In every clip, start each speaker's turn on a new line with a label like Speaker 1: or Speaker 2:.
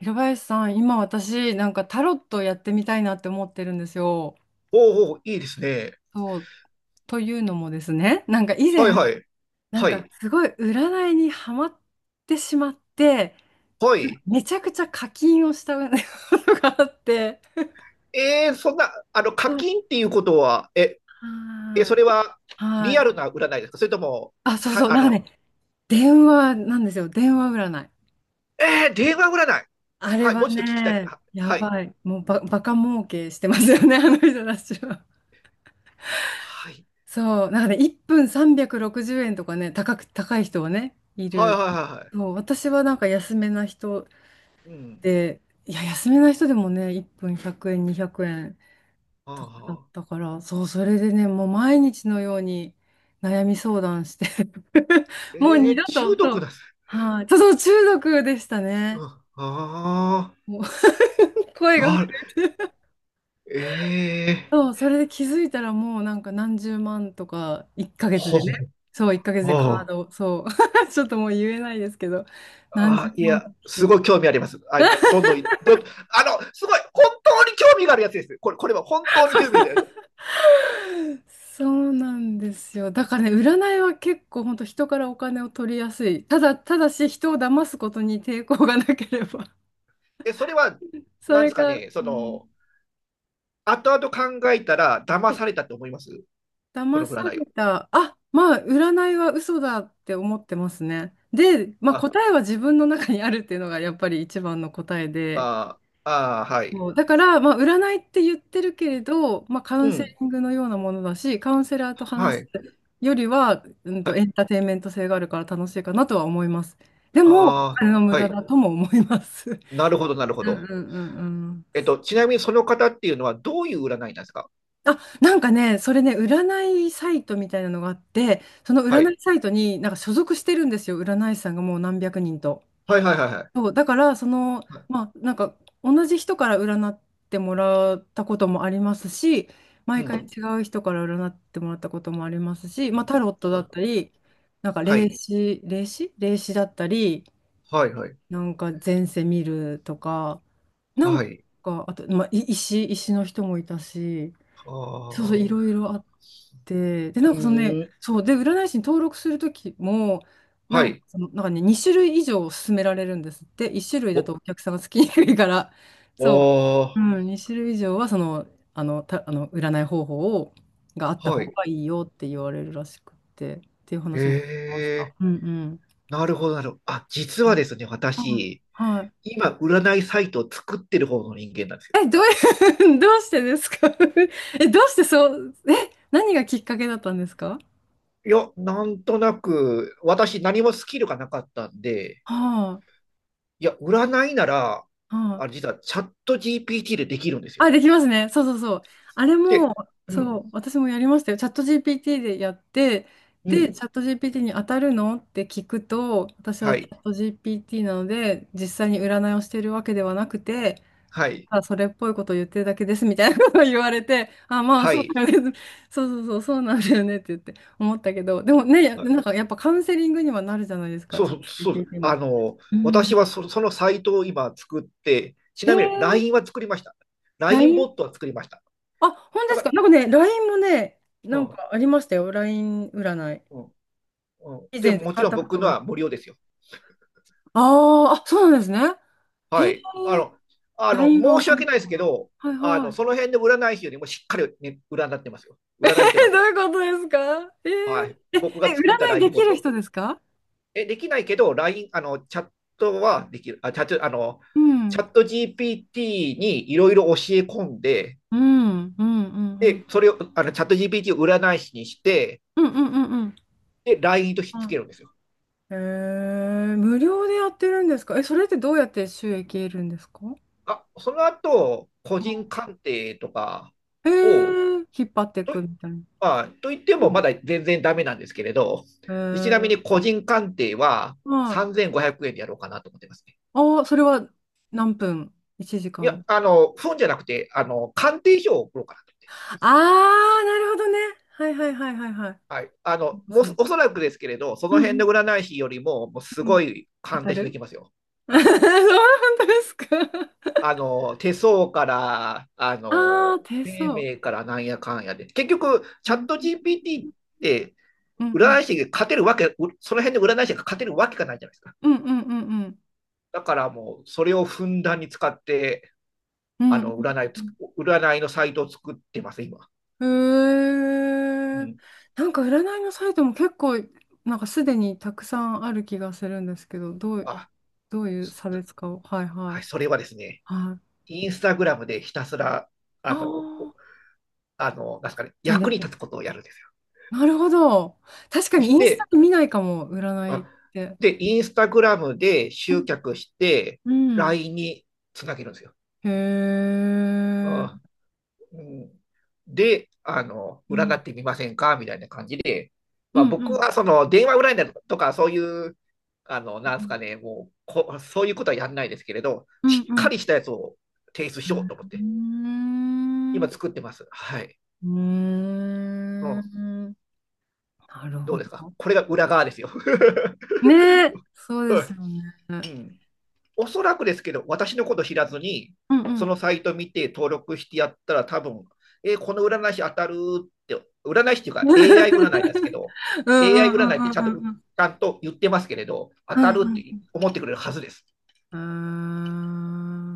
Speaker 1: 平林さん、今私、なんかタロットやってみたいなって思ってるんですよ。
Speaker 2: おうおう、いいですね。
Speaker 1: そう、というのもですね、なんか以
Speaker 2: はい
Speaker 1: 前、
Speaker 2: はい。
Speaker 1: なん
Speaker 2: は
Speaker 1: か
Speaker 2: い。
Speaker 1: すごい占いにハマってしまって、
Speaker 2: はい。
Speaker 1: めちゃくちゃ課金をしたことがあって、
Speaker 2: そんな、課
Speaker 1: そう
Speaker 2: 金っていうことは、
Speaker 1: はー
Speaker 2: そ
Speaker 1: い、
Speaker 2: れは
Speaker 1: は
Speaker 2: リ
Speaker 1: ー
Speaker 2: アル
Speaker 1: い。
Speaker 2: な占いですか？それとも、
Speaker 1: あ、そう
Speaker 2: さ、
Speaker 1: そう、
Speaker 2: あ
Speaker 1: なんか
Speaker 2: の、
Speaker 1: ね、電話なんですよ、電話占い。
Speaker 2: えー、電話占い。
Speaker 1: あれ
Speaker 2: はい、
Speaker 1: は
Speaker 2: もうちょっと聞きたいです。
Speaker 1: ね、や
Speaker 2: はい。
Speaker 1: ばい、もうバカ儲けしてますよね、あの人たちは。
Speaker 2: はい。
Speaker 1: そう、なんかね、1分360円とかね、高い人はね、い
Speaker 2: はいはい
Speaker 1: る。
Speaker 2: はいは
Speaker 1: そう、私はなんか安めな人
Speaker 2: い。うん。
Speaker 1: で、いや、安めな人でもね、1分100円、200円
Speaker 2: あ
Speaker 1: とかだっ
Speaker 2: あ。
Speaker 1: たから、そう、それでね、もう毎日のように悩み相談して もう二度と、
Speaker 2: 中
Speaker 1: そ
Speaker 2: 毒
Speaker 1: う、
Speaker 2: なんです。
Speaker 1: はい、そう、そう中毒でした
Speaker 2: う
Speaker 1: ね。
Speaker 2: ん、ああ。
Speaker 1: もう 声が
Speaker 2: なる、
Speaker 1: 震えて
Speaker 2: ええ
Speaker 1: そ
Speaker 2: ー、
Speaker 1: う、それで気づいたらもうなんか何十万とか1ヶ月
Speaker 2: ほ
Speaker 1: でね。そう、1ヶ月
Speaker 2: う、
Speaker 1: でカー
Speaker 2: ああ。
Speaker 1: ド、そう。ちょっともう言えないですけど、何十
Speaker 2: あ、い
Speaker 1: 万
Speaker 2: や、
Speaker 1: と来て
Speaker 2: すご
Speaker 1: て。
Speaker 2: い興味あります。あ、どんどんい、どん、あの、すごい、本当に興味があるやつです。これは本当に興味があるやつです。
Speaker 1: そうなんですよ。だからね、占いは結構本当人からお金を取りやすい。ただ、ただし人を騙すことに抵抗がなければ。
Speaker 2: それは、
Speaker 1: そ
Speaker 2: なんで
Speaker 1: れ
Speaker 2: すか
Speaker 1: が、
Speaker 2: ね、
Speaker 1: うん。
Speaker 2: 後々考えたら、
Speaker 1: は
Speaker 2: 騙
Speaker 1: い。
Speaker 2: されたって思いますそ
Speaker 1: 騙
Speaker 2: の
Speaker 1: さ
Speaker 2: 占いを。
Speaker 1: れた、あ、まあ、占いは嘘だって思ってますね。で、まあ、
Speaker 2: あ、
Speaker 1: 答えは自分の中にあるっていうのがやっぱり一番の答えで。
Speaker 2: あ、はい。
Speaker 1: そうだから、まあ、占いって言ってるけれど、まあ、カウ
Speaker 2: う
Speaker 1: ンセ
Speaker 2: ん。
Speaker 1: リングのようなものだし、カウンセラーと
Speaker 2: は
Speaker 1: 話す
Speaker 2: い。
Speaker 1: よりは、
Speaker 2: はい。
Speaker 1: エンターテインメント性があるから楽しいかなとは思います。でも、お
Speaker 2: ああ、
Speaker 1: 金の無
Speaker 2: は
Speaker 1: 駄
Speaker 2: い。
Speaker 1: だとも思います。
Speaker 2: なるほど、なる ほ
Speaker 1: うんうん
Speaker 2: ど。
Speaker 1: うんうん。
Speaker 2: ちなみにその方っていうのは、どういう占いなんですか？
Speaker 1: あ、なんかね、それね、占いサイトみたいなのがあって、その
Speaker 2: は
Speaker 1: 占い
Speaker 2: い。
Speaker 1: サイトになんか所属してるんですよ、占い師さんがもう何百人と。
Speaker 2: はい、はい、はい、は
Speaker 1: そう、だから、その、
Speaker 2: い。
Speaker 1: まあ、なんか、同じ人から占ってもらったこともありますし、
Speaker 2: う
Speaker 1: 毎回
Speaker 2: ん。
Speaker 1: 違う人から占ってもらったこともありますし、
Speaker 2: う
Speaker 1: まあ、
Speaker 2: ん、
Speaker 1: タロットだったり、なんか、
Speaker 2: は
Speaker 1: 霊
Speaker 2: い。
Speaker 1: 視、霊視霊視だったり、
Speaker 2: はい、はい。
Speaker 1: なんか、前世見るとか、なん
Speaker 2: はい。
Speaker 1: か、あと、まあ、石の人もいたし、
Speaker 2: あ
Speaker 1: そうそう、
Speaker 2: あ。
Speaker 1: いろいろあって、で、
Speaker 2: う
Speaker 1: なんかそのね、
Speaker 2: ーん。
Speaker 1: そう、で、占い師に登録するときも、な
Speaker 2: は
Speaker 1: んか
Speaker 2: い。
Speaker 1: その、なんかね、2種類以上勧められるんですって、1種類
Speaker 2: お、
Speaker 1: だとお客さんがつきにくいから、そう、
Speaker 2: あ、
Speaker 1: うん、2種類以上は、その、あの、占い方法を、があった
Speaker 2: は
Speaker 1: 方
Speaker 2: い。
Speaker 1: がいいよって言われるらしくって、っていう話も聞きまし
Speaker 2: え
Speaker 1: た。
Speaker 2: え、
Speaker 1: うんう
Speaker 2: なるほど、なるほど。あ、実は
Speaker 1: ん。
Speaker 2: ですね、
Speaker 1: うん
Speaker 2: 私、
Speaker 1: はい。
Speaker 2: 今、占いサイトを作ってる方の人間なんですよ。
Speaker 1: え、どういう、どうしてですか？ え、どうしてそう、え、何がきっかけだったんですか？
Speaker 2: いや、なんとなく、私、何もスキルがなかったんで、
Speaker 1: は
Speaker 2: いや、占いなら、
Speaker 1: い、は
Speaker 2: あ、
Speaker 1: い、
Speaker 2: 実は、チャット GPT でできるんですよ。
Speaker 1: あ、できますね。そうそうそう。あれ
Speaker 2: で、
Speaker 1: も、
Speaker 2: う
Speaker 1: そ
Speaker 2: ん、
Speaker 1: う、私もやりましたよ。チャット GPT でやって、
Speaker 2: う
Speaker 1: で、チ
Speaker 2: ん、
Speaker 1: ャット GPT に当たるのって聞くと、私は
Speaker 2: は
Speaker 1: チ
Speaker 2: い、
Speaker 1: ャット GPT なので、実際に占いをしているわけではなくて、
Speaker 2: はい、
Speaker 1: ただそれっぽいことを言ってるだけですみたいなことを言われて、あ、まあ
Speaker 2: は
Speaker 1: そう
Speaker 2: い。
Speaker 1: だよね。そうそうそう、そうなんだよねって言って思ったけど、でもね、なんかやっぱカウンセリングにはなるじゃないですか、
Speaker 2: そう
Speaker 1: チ
Speaker 2: そ
Speaker 1: ャット
Speaker 2: う、そうです。
Speaker 1: GPT も。うん。
Speaker 2: 私はそのサイトを今作って、ち
Speaker 1: え
Speaker 2: なみに
Speaker 1: ー、
Speaker 2: LINE は作りました。LINE
Speaker 1: LINE
Speaker 2: ボットは作りました。
Speaker 1: あ、本当
Speaker 2: だ
Speaker 1: で
Speaker 2: か
Speaker 1: すか。
Speaker 2: ら、
Speaker 1: なんかね、LINE もね、
Speaker 2: う
Speaker 1: なん
Speaker 2: ん、
Speaker 1: かありましたよ。LINE 占い。
Speaker 2: うん、うん。
Speaker 1: 以
Speaker 2: で、
Speaker 1: 前
Speaker 2: も
Speaker 1: 使
Speaker 2: ち
Speaker 1: っ
Speaker 2: ろん
Speaker 1: たこ
Speaker 2: 僕
Speaker 1: とが
Speaker 2: の
Speaker 1: ある。
Speaker 2: は無料ですよ。
Speaker 1: あーあ、そうなんですね。へ
Speaker 2: は
Speaker 1: え、
Speaker 2: い。あの、
Speaker 1: LINE がわ
Speaker 2: 申し
Speaker 1: かんな
Speaker 2: 訳
Speaker 1: い
Speaker 2: ないです
Speaker 1: か
Speaker 2: け
Speaker 1: な。
Speaker 2: ど、
Speaker 1: はいは
Speaker 2: そ
Speaker 1: い。
Speaker 2: の辺で占い師よりもしっかり、ね、占ってますよ。占いてま
Speaker 1: え、ど
Speaker 2: す。
Speaker 1: ういうことですか？え
Speaker 2: はい。
Speaker 1: ー、え、
Speaker 2: 僕が作った
Speaker 1: 占いで
Speaker 2: LINE ボ
Speaker 1: き
Speaker 2: ッ
Speaker 1: る
Speaker 2: ト。
Speaker 1: 人ですか？
Speaker 2: できないけど、LINE、チャットはできる。あ、
Speaker 1: う
Speaker 2: チャ
Speaker 1: ん。
Speaker 2: ット GPT にいろいろ教え込んで、
Speaker 1: うん、うん、うん、う
Speaker 2: で、
Speaker 1: ん。
Speaker 2: それを、チャット GPT を占い師にして、
Speaker 1: うん、うん、うん、うん。
Speaker 2: で、LINE とひっ
Speaker 1: う
Speaker 2: つけ
Speaker 1: ん。
Speaker 2: るんですよ。
Speaker 1: えー、無料でやってるんですか？え、それってどうやって収益得るんですか？は
Speaker 2: あ、その後、個人鑑定とか
Speaker 1: い。え
Speaker 2: を、
Speaker 1: ー、引っ張ってい
Speaker 2: と、
Speaker 1: くみたいな。
Speaker 2: まあ、と言ってもまだ全然ダメなんですけれど、
Speaker 1: え
Speaker 2: でちなみに
Speaker 1: ー、
Speaker 2: 個人鑑定は
Speaker 1: はい。
Speaker 2: 3500円でやろうかなと思ってますね。
Speaker 1: ああ、それは何分？ 1 時
Speaker 2: いや、
Speaker 1: 間。
Speaker 2: 本じゃなくて、鑑定書を送ろうかなと思って。
Speaker 1: ああ、なるほどね。はいはいはいはいはい。
Speaker 2: はい。
Speaker 1: そうで
Speaker 2: もう
Speaker 1: すね。
Speaker 2: おそらくですけれど、そ
Speaker 1: うん
Speaker 2: の
Speaker 1: う
Speaker 2: 辺
Speaker 1: ん
Speaker 2: の占い師よりも、もうす
Speaker 1: うん。
Speaker 2: ごい
Speaker 1: 当
Speaker 2: 鑑
Speaker 1: た
Speaker 2: 定書で
Speaker 1: る？
Speaker 2: きますよ。
Speaker 1: そう
Speaker 2: はい。
Speaker 1: 本当ですか？
Speaker 2: 手相から、
Speaker 1: あ あー、手
Speaker 2: 生
Speaker 1: 相。
Speaker 2: 命からなんやかんやで。結局、
Speaker 1: う
Speaker 2: チャッ
Speaker 1: ん
Speaker 2: ト GPT って、
Speaker 1: うんう
Speaker 2: 占
Speaker 1: ん
Speaker 2: い師が勝てるわけ、うその辺で占い師が勝てるわけがないじゃないですか。
Speaker 1: うんうんうんうん
Speaker 2: だからもう、それをふんだんに使って、
Speaker 1: う
Speaker 2: あ
Speaker 1: ん
Speaker 2: の、占い
Speaker 1: う
Speaker 2: つ、
Speaker 1: ん。
Speaker 2: 占いのサイトを作ってます、今。
Speaker 1: へ
Speaker 2: う
Speaker 1: え。
Speaker 2: ん。
Speaker 1: なんか占いのサイトも結構、なんかすでにたくさんある気がするんですけど、どう、
Speaker 2: あ、
Speaker 1: どういう
Speaker 2: す
Speaker 1: 差別化を。はい
Speaker 2: はい、
Speaker 1: はい。
Speaker 2: それはですね、
Speaker 1: はい。
Speaker 2: インスタグラムでひたすら、
Speaker 1: あ
Speaker 2: あの、お
Speaker 1: あ、
Speaker 2: あの、なんですかね、
Speaker 1: 宣伝
Speaker 2: 役に
Speaker 1: する。
Speaker 2: 立つことをやるんですよ。
Speaker 1: なるほど。確か
Speaker 2: そ
Speaker 1: に
Speaker 2: し
Speaker 1: インスタ
Speaker 2: て、
Speaker 1: 見ないかも、占い
Speaker 2: あ、
Speaker 1: って。
Speaker 2: で、インスタグラムで
Speaker 1: うん。
Speaker 2: 集客して、
Speaker 1: うん。
Speaker 2: LINE につなげるんですよ。
Speaker 1: へえ。
Speaker 2: あ、うん、で、
Speaker 1: う
Speaker 2: 占
Speaker 1: ん。
Speaker 2: ってみませんかみたいな感じで、
Speaker 1: う
Speaker 2: まあ、
Speaker 1: ん。う
Speaker 2: 僕
Speaker 1: ん。
Speaker 2: はその電話占いだとか、そういう、なんですかね、もうこ、そういうことはやんないですけれど、
Speaker 1: うん。
Speaker 2: しっ
Speaker 1: う
Speaker 2: か
Speaker 1: ん。
Speaker 2: りしたやつを提出
Speaker 1: う
Speaker 2: しよ
Speaker 1: ん。
Speaker 2: うと思っ
Speaker 1: う
Speaker 2: て、
Speaker 1: ー
Speaker 2: 今
Speaker 1: ん。
Speaker 2: 作ってます。はい。うん、
Speaker 1: なる
Speaker 2: ど
Speaker 1: ほ
Speaker 2: うですか？
Speaker 1: ど。
Speaker 2: これが裏側ですよ。
Speaker 1: ねえ。そうですよね。
Speaker 2: うん、おそらくですけど、私のこと知らずに、
Speaker 1: うんう
Speaker 2: そ
Speaker 1: ん。
Speaker 2: のサイト見て登録してやったら、多分、この占い師当たるって、占い師っていう か
Speaker 1: う
Speaker 2: AI 占いなんですけ
Speaker 1: ん
Speaker 2: ど、
Speaker 1: う
Speaker 2: AI
Speaker 1: んう
Speaker 2: 占
Speaker 1: ん
Speaker 2: いってちゃんと
Speaker 1: う
Speaker 2: ち
Speaker 1: んうん
Speaker 2: ゃんと言ってますけれど、当
Speaker 1: う
Speaker 2: たるって
Speaker 1: ん
Speaker 2: 思ってくれるはずです。
Speaker 1: うん。ああ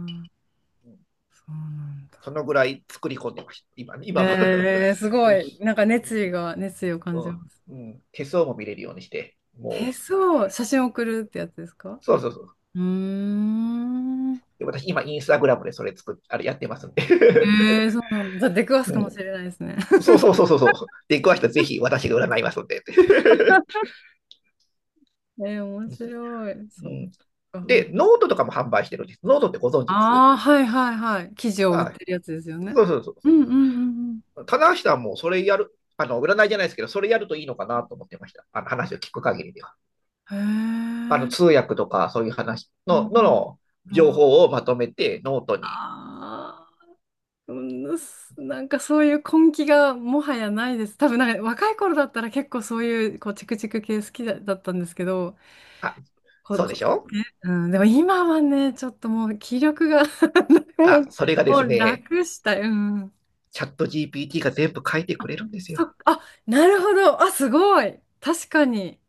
Speaker 1: ー、
Speaker 2: うん、
Speaker 1: そうなんだ。
Speaker 2: そのぐらい作り込んでました、今は、
Speaker 1: ええ、すご
Speaker 2: うん
Speaker 1: い。なんか熱意が、熱意を感
Speaker 2: う
Speaker 1: じ
Speaker 2: ん
Speaker 1: ます。
Speaker 2: うん。手相も見れるようにして、
Speaker 1: え、
Speaker 2: もう、
Speaker 1: そう。写真送るってやつですか？
Speaker 2: そうそうそう。
Speaker 1: うーん。
Speaker 2: で私、今、インスタグラムでそれあれやってますんで。
Speaker 1: えー、そうなんだ。じゃあ出くわ す
Speaker 2: う
Speaker 1: かも
Speaker 2: ん、
Speaker 1: しれないですね。
Speaker 2: そうそうそうそうそう。で、詳しくはぜひ私が占いますので。
Speaker 1: えー面白い。
Speaker 2: う
Speaker 1: そっ
Speaker 2: ん、
Speaker 1: か。
Speaker 2: で、ノートとかも販売してるんです。ノートってご存知です？
Speaker 1: ああ、はいはいはい。生地を売っ
Speaker 2: はい。
Speaker 1: てるやつですよね。
Speaker 2: そうそうそう。
Speaker 1: うんうんうんうん。
Speaker 2: 棚橋さんもそれやる、占いじゃないですけど、それやるといいのかなと思ってました。あの話を聞く限りでは。
Speaker 1: へ
Speaker 2: 通
Speaker 1: え。
Speaker 2: 訳とかそういう話
Speaker 1: う
Speaker 2: の、の
Speaker 1: ん。
Speaker 2: の情報をまとめてノートに。
Speaker 1: ああー、うんす。なんかそういう根気がもはやないです。多分なんか若い頃だったら結構そういうこうチクチク系好きだ、だったんですけど、
Speaker 2: あ、
Speaker 1: こ、
Speaker 2: そうで
Speaker 1: こ、
Speaker 2: しょ？
Speaker 1: うん、でも今はね、ちょっともう気力が もう
Speaker 2: あ、それがで
Speaker 1: も
Speaker 2: す
Speaker 1: う
Speaker 2: ね、
Speaker 1: 楽したい。うん。
Speaker 2: チャット GPT が全部書いてくれるんです
Speaker 1: そっ
Speaker 2: よ。
Speaker 1: か、あ、なるほど。あ、すごい。確かに。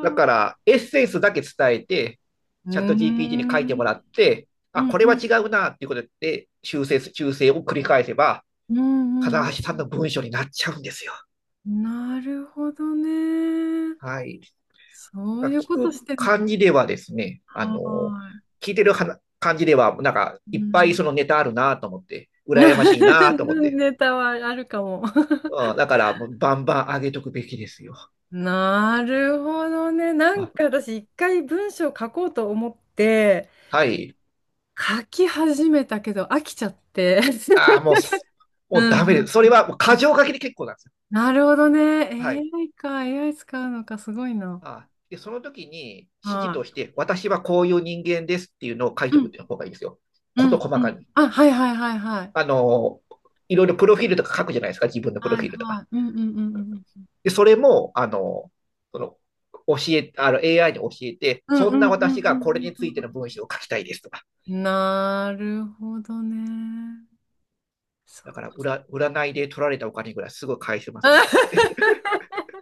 Speaker 2: だか
Speaker 1: あ。
Speaker 2: ら、エッセンスだけ伝えて、
Speaker 1: うー
Speaker 2: チャット GPT に書いても
Speaker 1: ん。
Speaker 2: らって、
Speaker 1: う
Speaker 2: あ、
Speaker 1: ん
Speaker 2: これ
Speaker 1: う
Speaker 2: は
Speaker 1: ん
Speaker 2: 違うなっていうことで修正修正を繰り返せば、
Speaker 1: うんう
Speaker 2: 金
Speaker 1: ん
Speaker 2: 橋さ
Speaker 1: う
Speaker 2: ん
Speaker 1: ん。
Speaker 2: の文章になっちゃうんですよ。
Speaker 1: なるほどね。
Speaker 2: はい。
Speaker 1: そういう
Speaker 2: 聞
Speaker 1: こと
Speaker 2: く
Speaker 1: してるのか。
Speaker 2: 感じではですね、
Speaker 1: はーい。
Speaker 2: 聞いてる感じでは、なんか、
Speaker 1: う
Speaker 2: いっぱい
Speaker 1: ん。
Speaker 2: そのネタあるなと思って、羨ましいなと思って、
Speaker 1: ネタはあるかも。
Speaker 2: うん、だから、バンバン上げとくべきですよ。
Speaker 1: なるほどね。なんか私一回文章書こうと思って
Speaker 2: はい。
Speaker 1: 書き始めたけど飽きちゃって。
Speaker 2: ああ、もう も
Speaker 1: うん
Speaker 2: う
Speaker 1: うん
Speaker 2: ダメです。そ
Speaker 1: う
Speaker 2: れ
Speaker 1: ん
Speaker 2: はもう
Speaker 1: う
Speaker 2: 過
Speaker 1: ん。
Speaker 2: 剰書きで結構なんですよ。
Speaker 1: なるほどね。
Speaker 2: はい。
Speaker 1: AI か、AI 使うのか、すごいな。
Speaker 2: あで、その時に指示
Speaker 1: は
Speaker 2: と
Speaker 1: い。
Speaker 2: して、私はこういう人間ですっていうのを書い
Speaker 1: う
Speaker 2: ておくっ
Speaker 1: ん、
Speaker 2: ていう方がいいですよ。
Speaker 1: う
Speaker 2: こと
Speaker 1: ん、
Speaker 2: 細
Speaker 1: う
Speaker 2: か
Speaker 1: ん。
Speaker 2: に。
Speaker 1: あ、はいはいはいはい。
Speaker 2: あの、いろいろプロフィールとか書くじゃないですか、自分のプロ
Speaker 1: は
Speaker 2: フ
Speaker 1: い
Speaker 2: ィールと
Speaker 1: は
Speaker 2: か。
Speaker 1: い。うんうんうんうん。
Speaker 2: で、それも、あの、その、教え、あの、AI に教えて、
Speaker 1: うん
Speaker 2: そ
Speaker 1: う
Speaker 2: ん
Speaker 1: ん
Speaker 2: な
Speaker 1: うんう
Speaker 2: 私がこれ
Speaker 1: ん
Speaker 2: に
Speaker 1: う
Speaker 2: つ
Speaker 1: ん
Speaker 2: いて
Speaker 1: う
Speaker 2: の文章
Speaker 1: ん
Speaker 2: を書きたいですとか。
Speaker 1: うん。なるほどね。そっ
Speaker 2: だから、
Speaker 1: か。
Speaker 2: 占いで取られたお金ぐらいすぐ返せますんで、それで。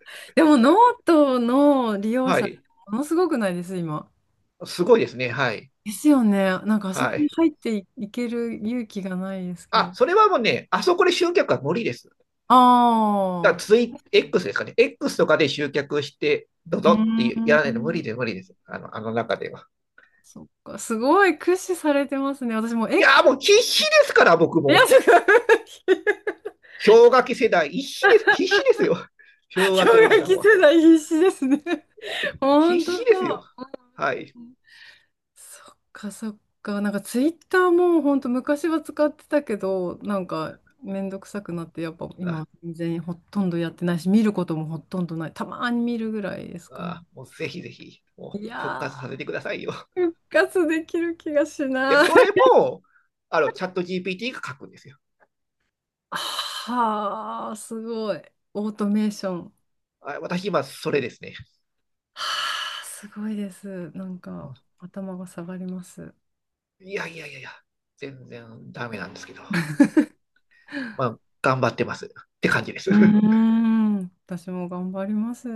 Speaker 1: でもノートの利 用
Speaker 2: は
Speaker 1: 者、
Speaker 2: い。
Speaker 1: ものすごくないです、今。
Speaker 2: すごいですね。はい。
Speaker 1: ですよね。なんかあそこ
Speaker 2: は
Speaker 1: に
Speaker 2: い。
Speaker 1: 入ってい、いける勇気がないですけ
Speaker 2: あ、
Speaker 1: ど。
Speaker 2: それはもうね、あそこで集客は無理です。
Speaker 1: あ
Speaker 2: だからX ですかね。X とかで集客して、どう
Speaker 1: あ、う
Speaker 2: ぞってやら
Speaker 1: ー
Speaker 2: ないと無
Speaker 1: ん。
Speaker 2: 理です。あの、あの中では。
Speaker 1: そっか、すごい駆使されてますね。私もう、
Speaker 2: い
Speaker 1: え、
Speaker 2: やー、もう必死ですから、僕
Speaker 1: いや、
Speaker 2: も。
Speaker 1: ちょっと
Speaker 2: 氷河期世代、必死です。必死ですよ。氷
Speaker 1: 氷
Speaker 2: 河期おじ
Speaker 1: 河
Speaker 2: さん
Speaker 1: 期
Speaker 2: は。
Speaker 1: 世代必死ですね。ほ
Speaker 2: 必
Speaker 1: んと
Speaker 2: 死です
Speaker 1: そ
Speaker 2: よ。
Speaker 1: う。
Speaker 2: はい。
Speaker 1: うん。そっか、そっか。なんかツイッターもほんと昔は使ってたけど、なんかめんどくさくなって、やっぱ今
Speaker 2: あ、
Speaker 1: は全然ほとんどやってないし、見ることもほとんどない。たまに見るぐらいですかね。
Speaker 2: もうぜひぜひ、も
Speaker 1: い
Speaker 2: う復
Speaker 1: や
Speaker 2: 活させてくださいよ。
Speaker 1: ー、復活できる気がし
Speaker 2: いや、
Speaker 1: ない。
Speaker 2: それも、チャット GPT が書くんですよ。
Speaker 1: はあ、すごい。オートメーション。は
Speaker 2: あ、私今、それですね。
Speaker 1: あ、すごいです。なんか、頭が下がります。う
Speaker 2: いやいやいやいや、全然ダメなんですけど。まあ、頑張ってますって感じです。
Speaker 1: ー ん、私も頑張ります。